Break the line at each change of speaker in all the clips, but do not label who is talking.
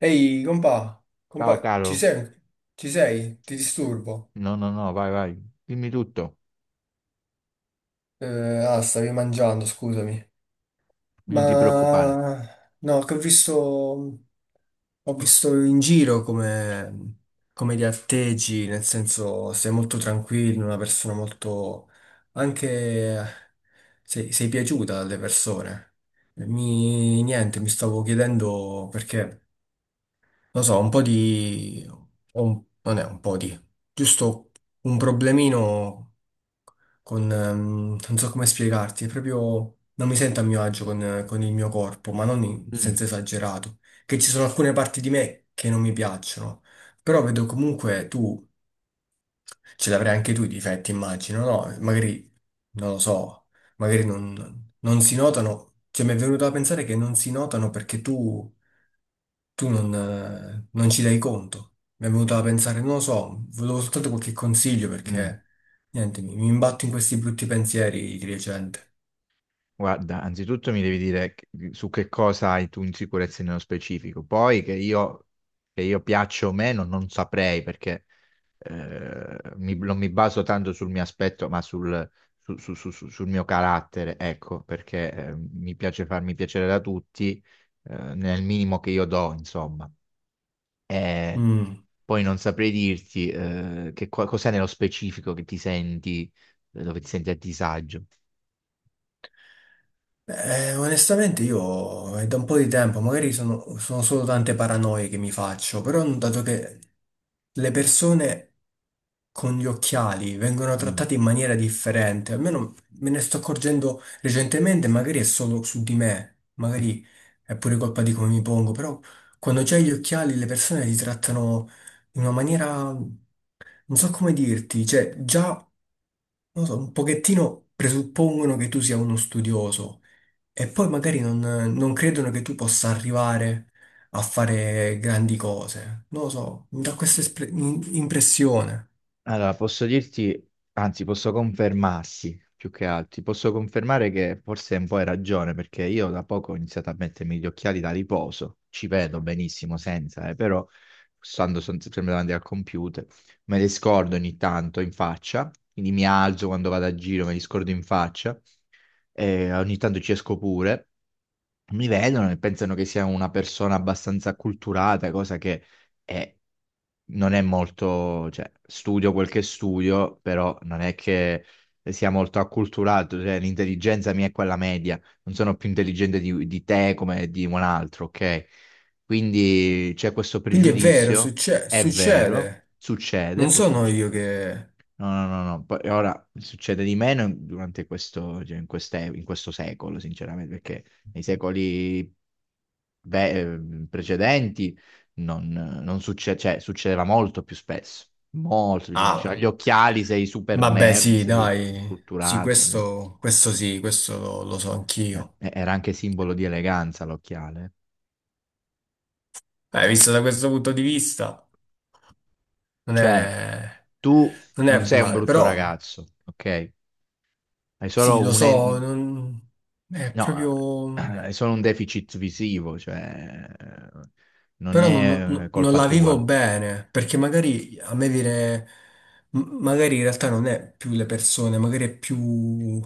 Ehi, compà,
Ciao
compà, ci
caro,
sei? Ci sei? Ti disturbo?
no, no, no, vai, vai, dimmi tutto,
Eh, stavi mangiando, scusami.
non ti preoccupare.
Ma no, che ho visto in giro come, come ti atteggi, nel senso sei molto tranquillo, una persona molto... anche sei piaciuta alle persone. Niente, mi stavo chiedendo perché... Lo so, un po' di... non è un po' di... Giusto un problemino con... non so come spiegarti, è proprio... Non mi sento a mio agio con il mio corpo, ma non in
Mm,
senso esagerato. Che ci sono alcune parti di me che non mi piacciono. Però vedo comunque tu... Ce l'avrai anche tu i difetti, immagino, no? Magari, non lo so, magari non si notano. Cioè, mi è venuto a pensare che non si notano perché tu non, non ci dai conto. Mi è venuto da pensare, non lo so, volevo soltanto qualche consiglio
mm.
perché, niente, mi imbatto in questi brutti pensieri di recente.
Guarda, anzitutto mi devi dire su che cosa hai tu insicurezze nello specifico, poi che io piaccia o meno non saprei perché non mi baso tanto sul mio aspetto, ma sul, su- su- su- su- sul mio carattere, ecco, perché mi piace farmi piacere da tutti nel minimo che io do, insomma. Eh,
Mm.
Poi non saprei dirti cos'è nello specifico che ti senti, dove ti senti a disagio.
Onestamente io è da un po' di tempo, magari sono, sono solo tante paranoie che mi faccio, però ho notato che le persone con gli occhiali vengono
Mm.
trattate in maniera differente, almeno me ne sto accorgendo recentemente, magari è solo su di me, magari è pure colpa di come mi pongo, però quando c'hai gli occhiali le persone ti trattano in una maniera, non so come dirti, cioè già non lo so, un pochettino presuppongono che tu sia uno studioso e poi magari non credono che tu possa arrivare a fare grandi cose. Non lo so, mi dà questa impressione.
Allora, posso dirti, anzi, posso confermarsi più che altro, ti posso confermare che forse un po' hai ragione, perché io da poco ho iniziato a mettermi gli occhiali da riposo, ci vedo benissimo senza, però sempre davanti al computer, me li scordo ogni tanto in faccia, quindi mi alzo quando vado a giro, me li scordo in faccia ogni tanto ci esco pure, mi vedono e pensano che sia una persona abbastanza acculturata, cosa che è- non è molto, cioè studio quel che studio, però non è che sia molto acculturato, cioè l'intelligenza mia è quella media, non sono più intelligente di te come di un altro, ok? Quindi c'è questo
Quindi è vero,
pregiudizio, è vero,
succede. Non
succede, può
sono
succedere.
io che...
No, no, no, no. Poi ora succede di meno durante questo, cioè, in questo secolo, sinceramente, perché nei secoli precedenti non, non succe- cioè, succedeva molto più spesso. Molto, ci diceva
Ah,
gli occhiali, sei super
vabbè
nerd,
sì,
sei super
dai. Sì,
culturato. Capito?
questo sì, questo lo, lo so anch'io.
Era anche simbolo di eleganza l'occhiale.
Visto da questo punto di vista, non
Cioè,
è,
tu
non è
non sei un
male,
brutto
però...
ragazzo, ok? Hai solo
Sì, lo
un,
so, non- è
no,
proprio...
è solo un deficit visivo, cioè, non
però
è
non
colpa
la vivo
tua.
bene, perché magari a me viene... magari in realtà non è più le persone, magari è più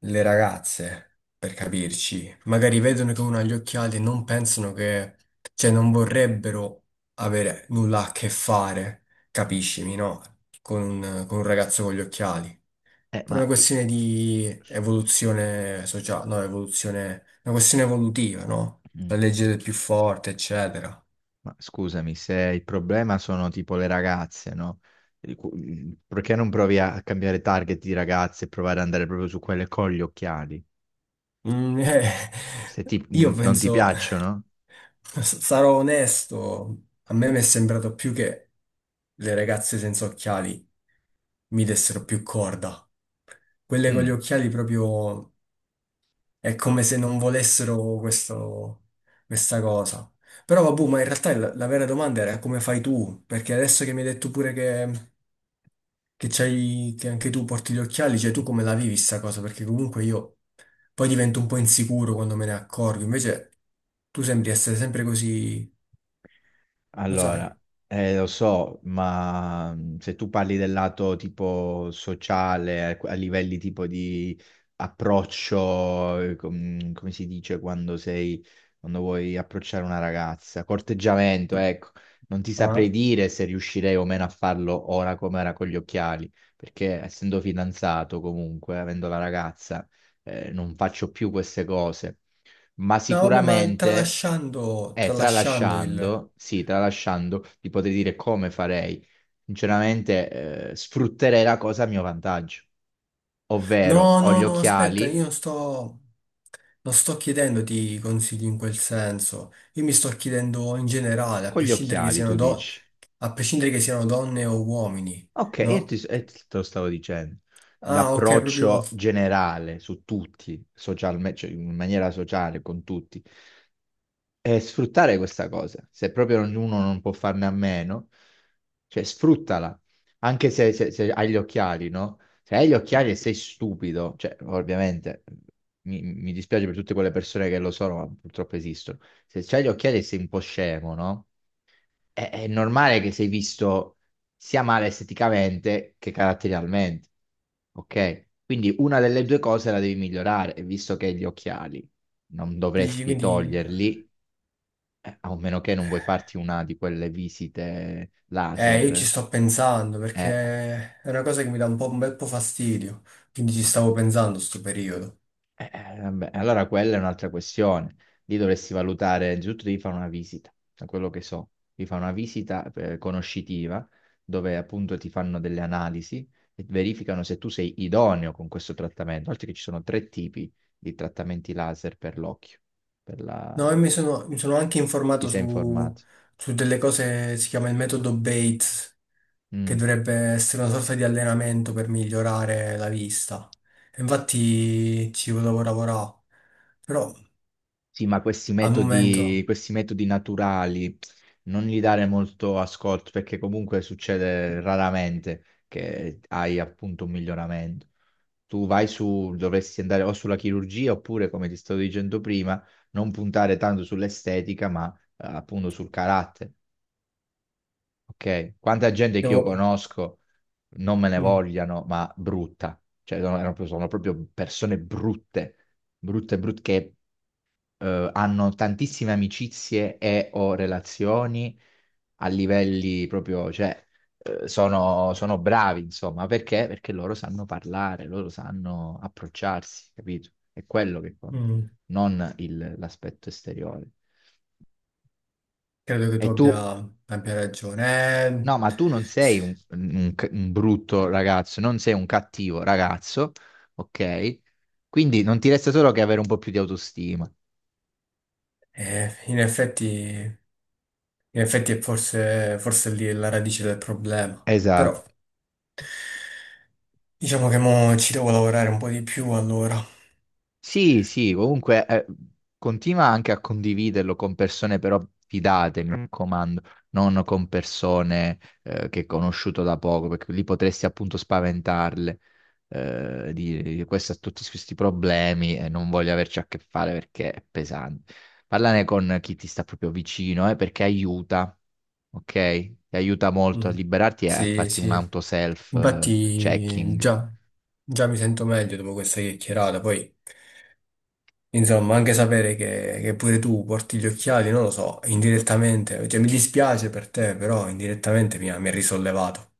le ragazze, per capirci. Magari vedono che uno ha gli occhiali e non pensano che... cioè non vorrebbero avere nulla a che fare, capiscimi, no? Con un ragazzo con gli occhiali.
Eh,
Per una
ma,
questione di evoluzione sociale, no, evoluzione, una questione evolutiva, no? La
Mm.
legge del più forte, eccetera.
Ma scusami, se il problema sono tipo le ragazze, no? Perché non provi a cambiare target di ragazze e provare ad andare proprio su quelle con gli occhiali?
Mm,
Se ti-
io
Non non ti
penso,
piacciono?
sarò onesto, a me mi è sembrato più che le ragazze senza occhiali mi dessero più corda. Quelle con gli
Mm.
occhiali proprio. È come se non volessero questa cosa. Però vabbè, ma in realtà la vera domanda era come fai tu? Perché adesso che mi hai detto pure che c'hai, che anche tu porti gli occhiali, cioè tu come la vivi sta cosa? Perché comunque io poi divento un po' insicuro quando me ne accorgo, invece tu sembri essere sempre così, lo sai.
Allora, lo so, ma se tu parli del lato tipo sociale, a livelli tipo di approccio, come si dice quando sei, quando vuoi approcciare una ragazza, corteggiamento, ecco, non ti saprei
Ah.
dire se riuscirei o meno a farlo ora come era con gli occhiali, perché essendo fidanzato comunque, avendo la ragazza, non faccio più queste cose ma
No, vabbè, ma
sicuramente,
tralasciando, tralasciando il...
tralasciando, ti potrei dire come farei. Sinceramente, sfrutterei la cosa a mio vantaggio, ovvero
No,
ho gli
no, no, aspetta,
occhiali,
io non sto, non sto chiedendoti consigli in quel senso. Io mi sto chiedendo in generale, a
con gli
prescindere che
occhiali
siano,
tu
do-
dici.
a prescindere che siano donne o uomini,
Ok,
no?
te lo stavo dicendo.
Ah, ok, proprio
L'approccio generale su tutti, socialmente, cioè in maniera sociale con tutti e sfruttare questa cosa. Se proprio ognuno non può farne a meno, cioè sfruttala. Anche se hai gli occhiali, no? Se hai gli occhiali e sei stupido, cioè ovviamente mi dispiace per tutte quelle persone che lo sono, ma purtroppo esistono. Se hai gli occhiali e sei un po' scemo, no? È normale che sei visto sia male esteticamente che caratterialmente, ok? Quindi una delle due cose la devi migliorare, e visto che hai gli occhiali non
dici,
dovresti
quindi
toglierli a meno che non vuoi farti una di quelle visite
io ci
laser.
sto pensando
Eh,
perché è una cosa che mi dà un po', un bel po' fastidio. Quindi ci stavo pensando sto periodo.
Vabbè, allora quella è un'altra questione. Lì dovresti valutare, innanzitutto devi fare una visita, da quello che so. Devi fare una visita conoscitiva, dove appunto ti fanno delle analisi e verificano se tu sei idoneo con questo trattamento. Oltre che ci sono tre tipi di trattamenti laser per l'occhio. Per
No, io
la...
mi sono anche
Ti
informato
sei
su,
informato?
su delle cose, si chiama il metodo Bates, che
Mm.
dovrebbe essere una sorta di allenamento per migliorare la vista. E infatti ci volevo lavorare, però
Sì, ma
al momento
questi metodi naturali non gli dare molto ascolto perché comunque succede raramente che hai appunto un miglioramento. Tu vai su, dovresti andare o sulla chirurgia oppure, come ti stavo dicendo prima, non puntare tanto sull'estetica, ma appunto sul carattere. Ok? Quanta gente che io
devo...
conosco non me ne
mm,
vogliano, ma brutta. Cioè, sono proprio persone brutte brutte, brutte, che hanno tantissime amicizie e o relazioni a livelli proprio, cioè, sono bravi, insomma, perché? Perché loro sanno parlare, loro sanno approcciarsi, capito? È quello che conta,
mm,
non l'aspetto esteriore.
credo che
E
tu
tu,
abbia, abbia ragione.
no, ma tu non sei un, un brutto ragazzo, non sei un cattivo ragazzo, ok? Quindi non ti resta solo che avere un po' più di autostima.
In effetti è forse, forse lì è la radice del problema, però
Esatto.
diciamo che mo ci devo lavorare un po' di più allora.
Sì, sì, comunque continua anche a condividerlo con persone però fidate, mi raccomando, non con persone che hai conosciuto da poco, perché lì potresti appunto spaventarle, di questo ha tutti questi problemi e non voglio averci a che fare perché è pesante. Parlane con chi ti sta proprio vicino, perché aiuta, ok? Ti aiuta molto a
Mm.
liberarti e a
Sì,
farti
sì,
un auto
infatti
self-checking.
già, già mi sento meglio dopo questa chiacchierata, poi insomma anche sapere che pure tu porti gli occhiali, non lo so, indirettamente, cioè mi dispiace per te, però indirettamente mi ha risollevato.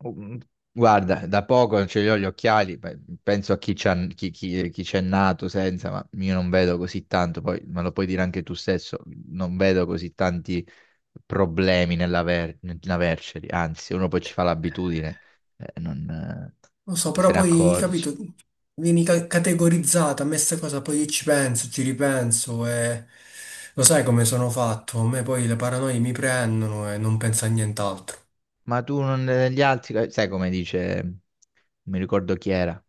Oh, mm, guarda, da poco non ce li ho gli occhiali, beh, penso a chi chi c'è nato senza, ma io non vedo così tanto, poi me lo puoi dire anche tu stesso, non vedo così tanti problemi nell'averceli, anzi, uno poi ci fa l'abitudine, eh, non, eh,
Lo so,
non
però
se ne
poi,
accorge.
capito, vieni ca- categorizzata, a me sta cosa, poi io ci penso, ci ripenso e lo sai come sono fatto, a me poi le paranoie mi prendono e non penso a nient'altro.
Ma tu non, gli altri, sai come dice, non mi ricordo chi era,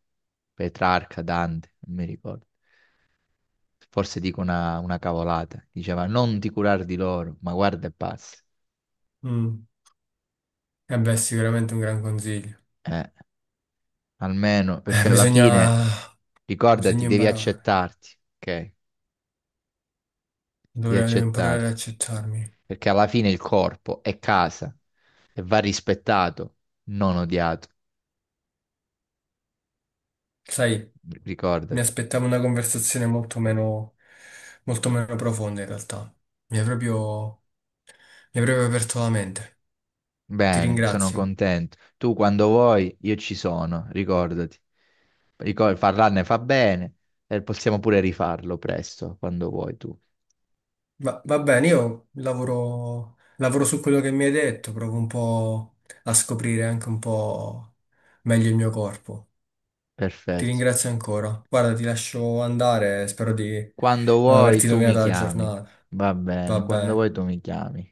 Petrarca, Dante, non mi ricordo. Forse dico una cavolata. Diceva non ti curare di loro, ma guarda e passa.
Mm. E beh, sicuramente un gran consiglio.
Eh, almeno,
Eh,
perché alla fine,
bisogna, bisogna
ricordati, devi
imparare,
accettarti, ok? Devi
dovrei devo imparare ad
accettarti.
accettarmi.
Perché alla fine il corpo è casa e va rispettato, non odiato.
Sai, mi
Ricordati.
aspettavo una conversazione molto meno profonda in realtà. Mi hai proprio, mi hai proprio aperto la mente. Ti
Bene, sono
ringrazio.
contento. Tu quando vuoi, io ci sono, ricordati. Parlarne fa bene e possiamo pure rifarlo presto, quando vuoi tu.
Ma va bene, io lavoro, lavoro su quello che mi hai detto, provo un po' a scoprire anche un po' meglio il mio corpo. Ti
Perfetto.
ringrazio ancora. Guarda, ti lascio andare, spero di
Quando
non
vuoi
averti
tu mi
rovinato la
chiami.
giornata.
Va
Va
bene, quando vuoi
bene.
tu mi chiami.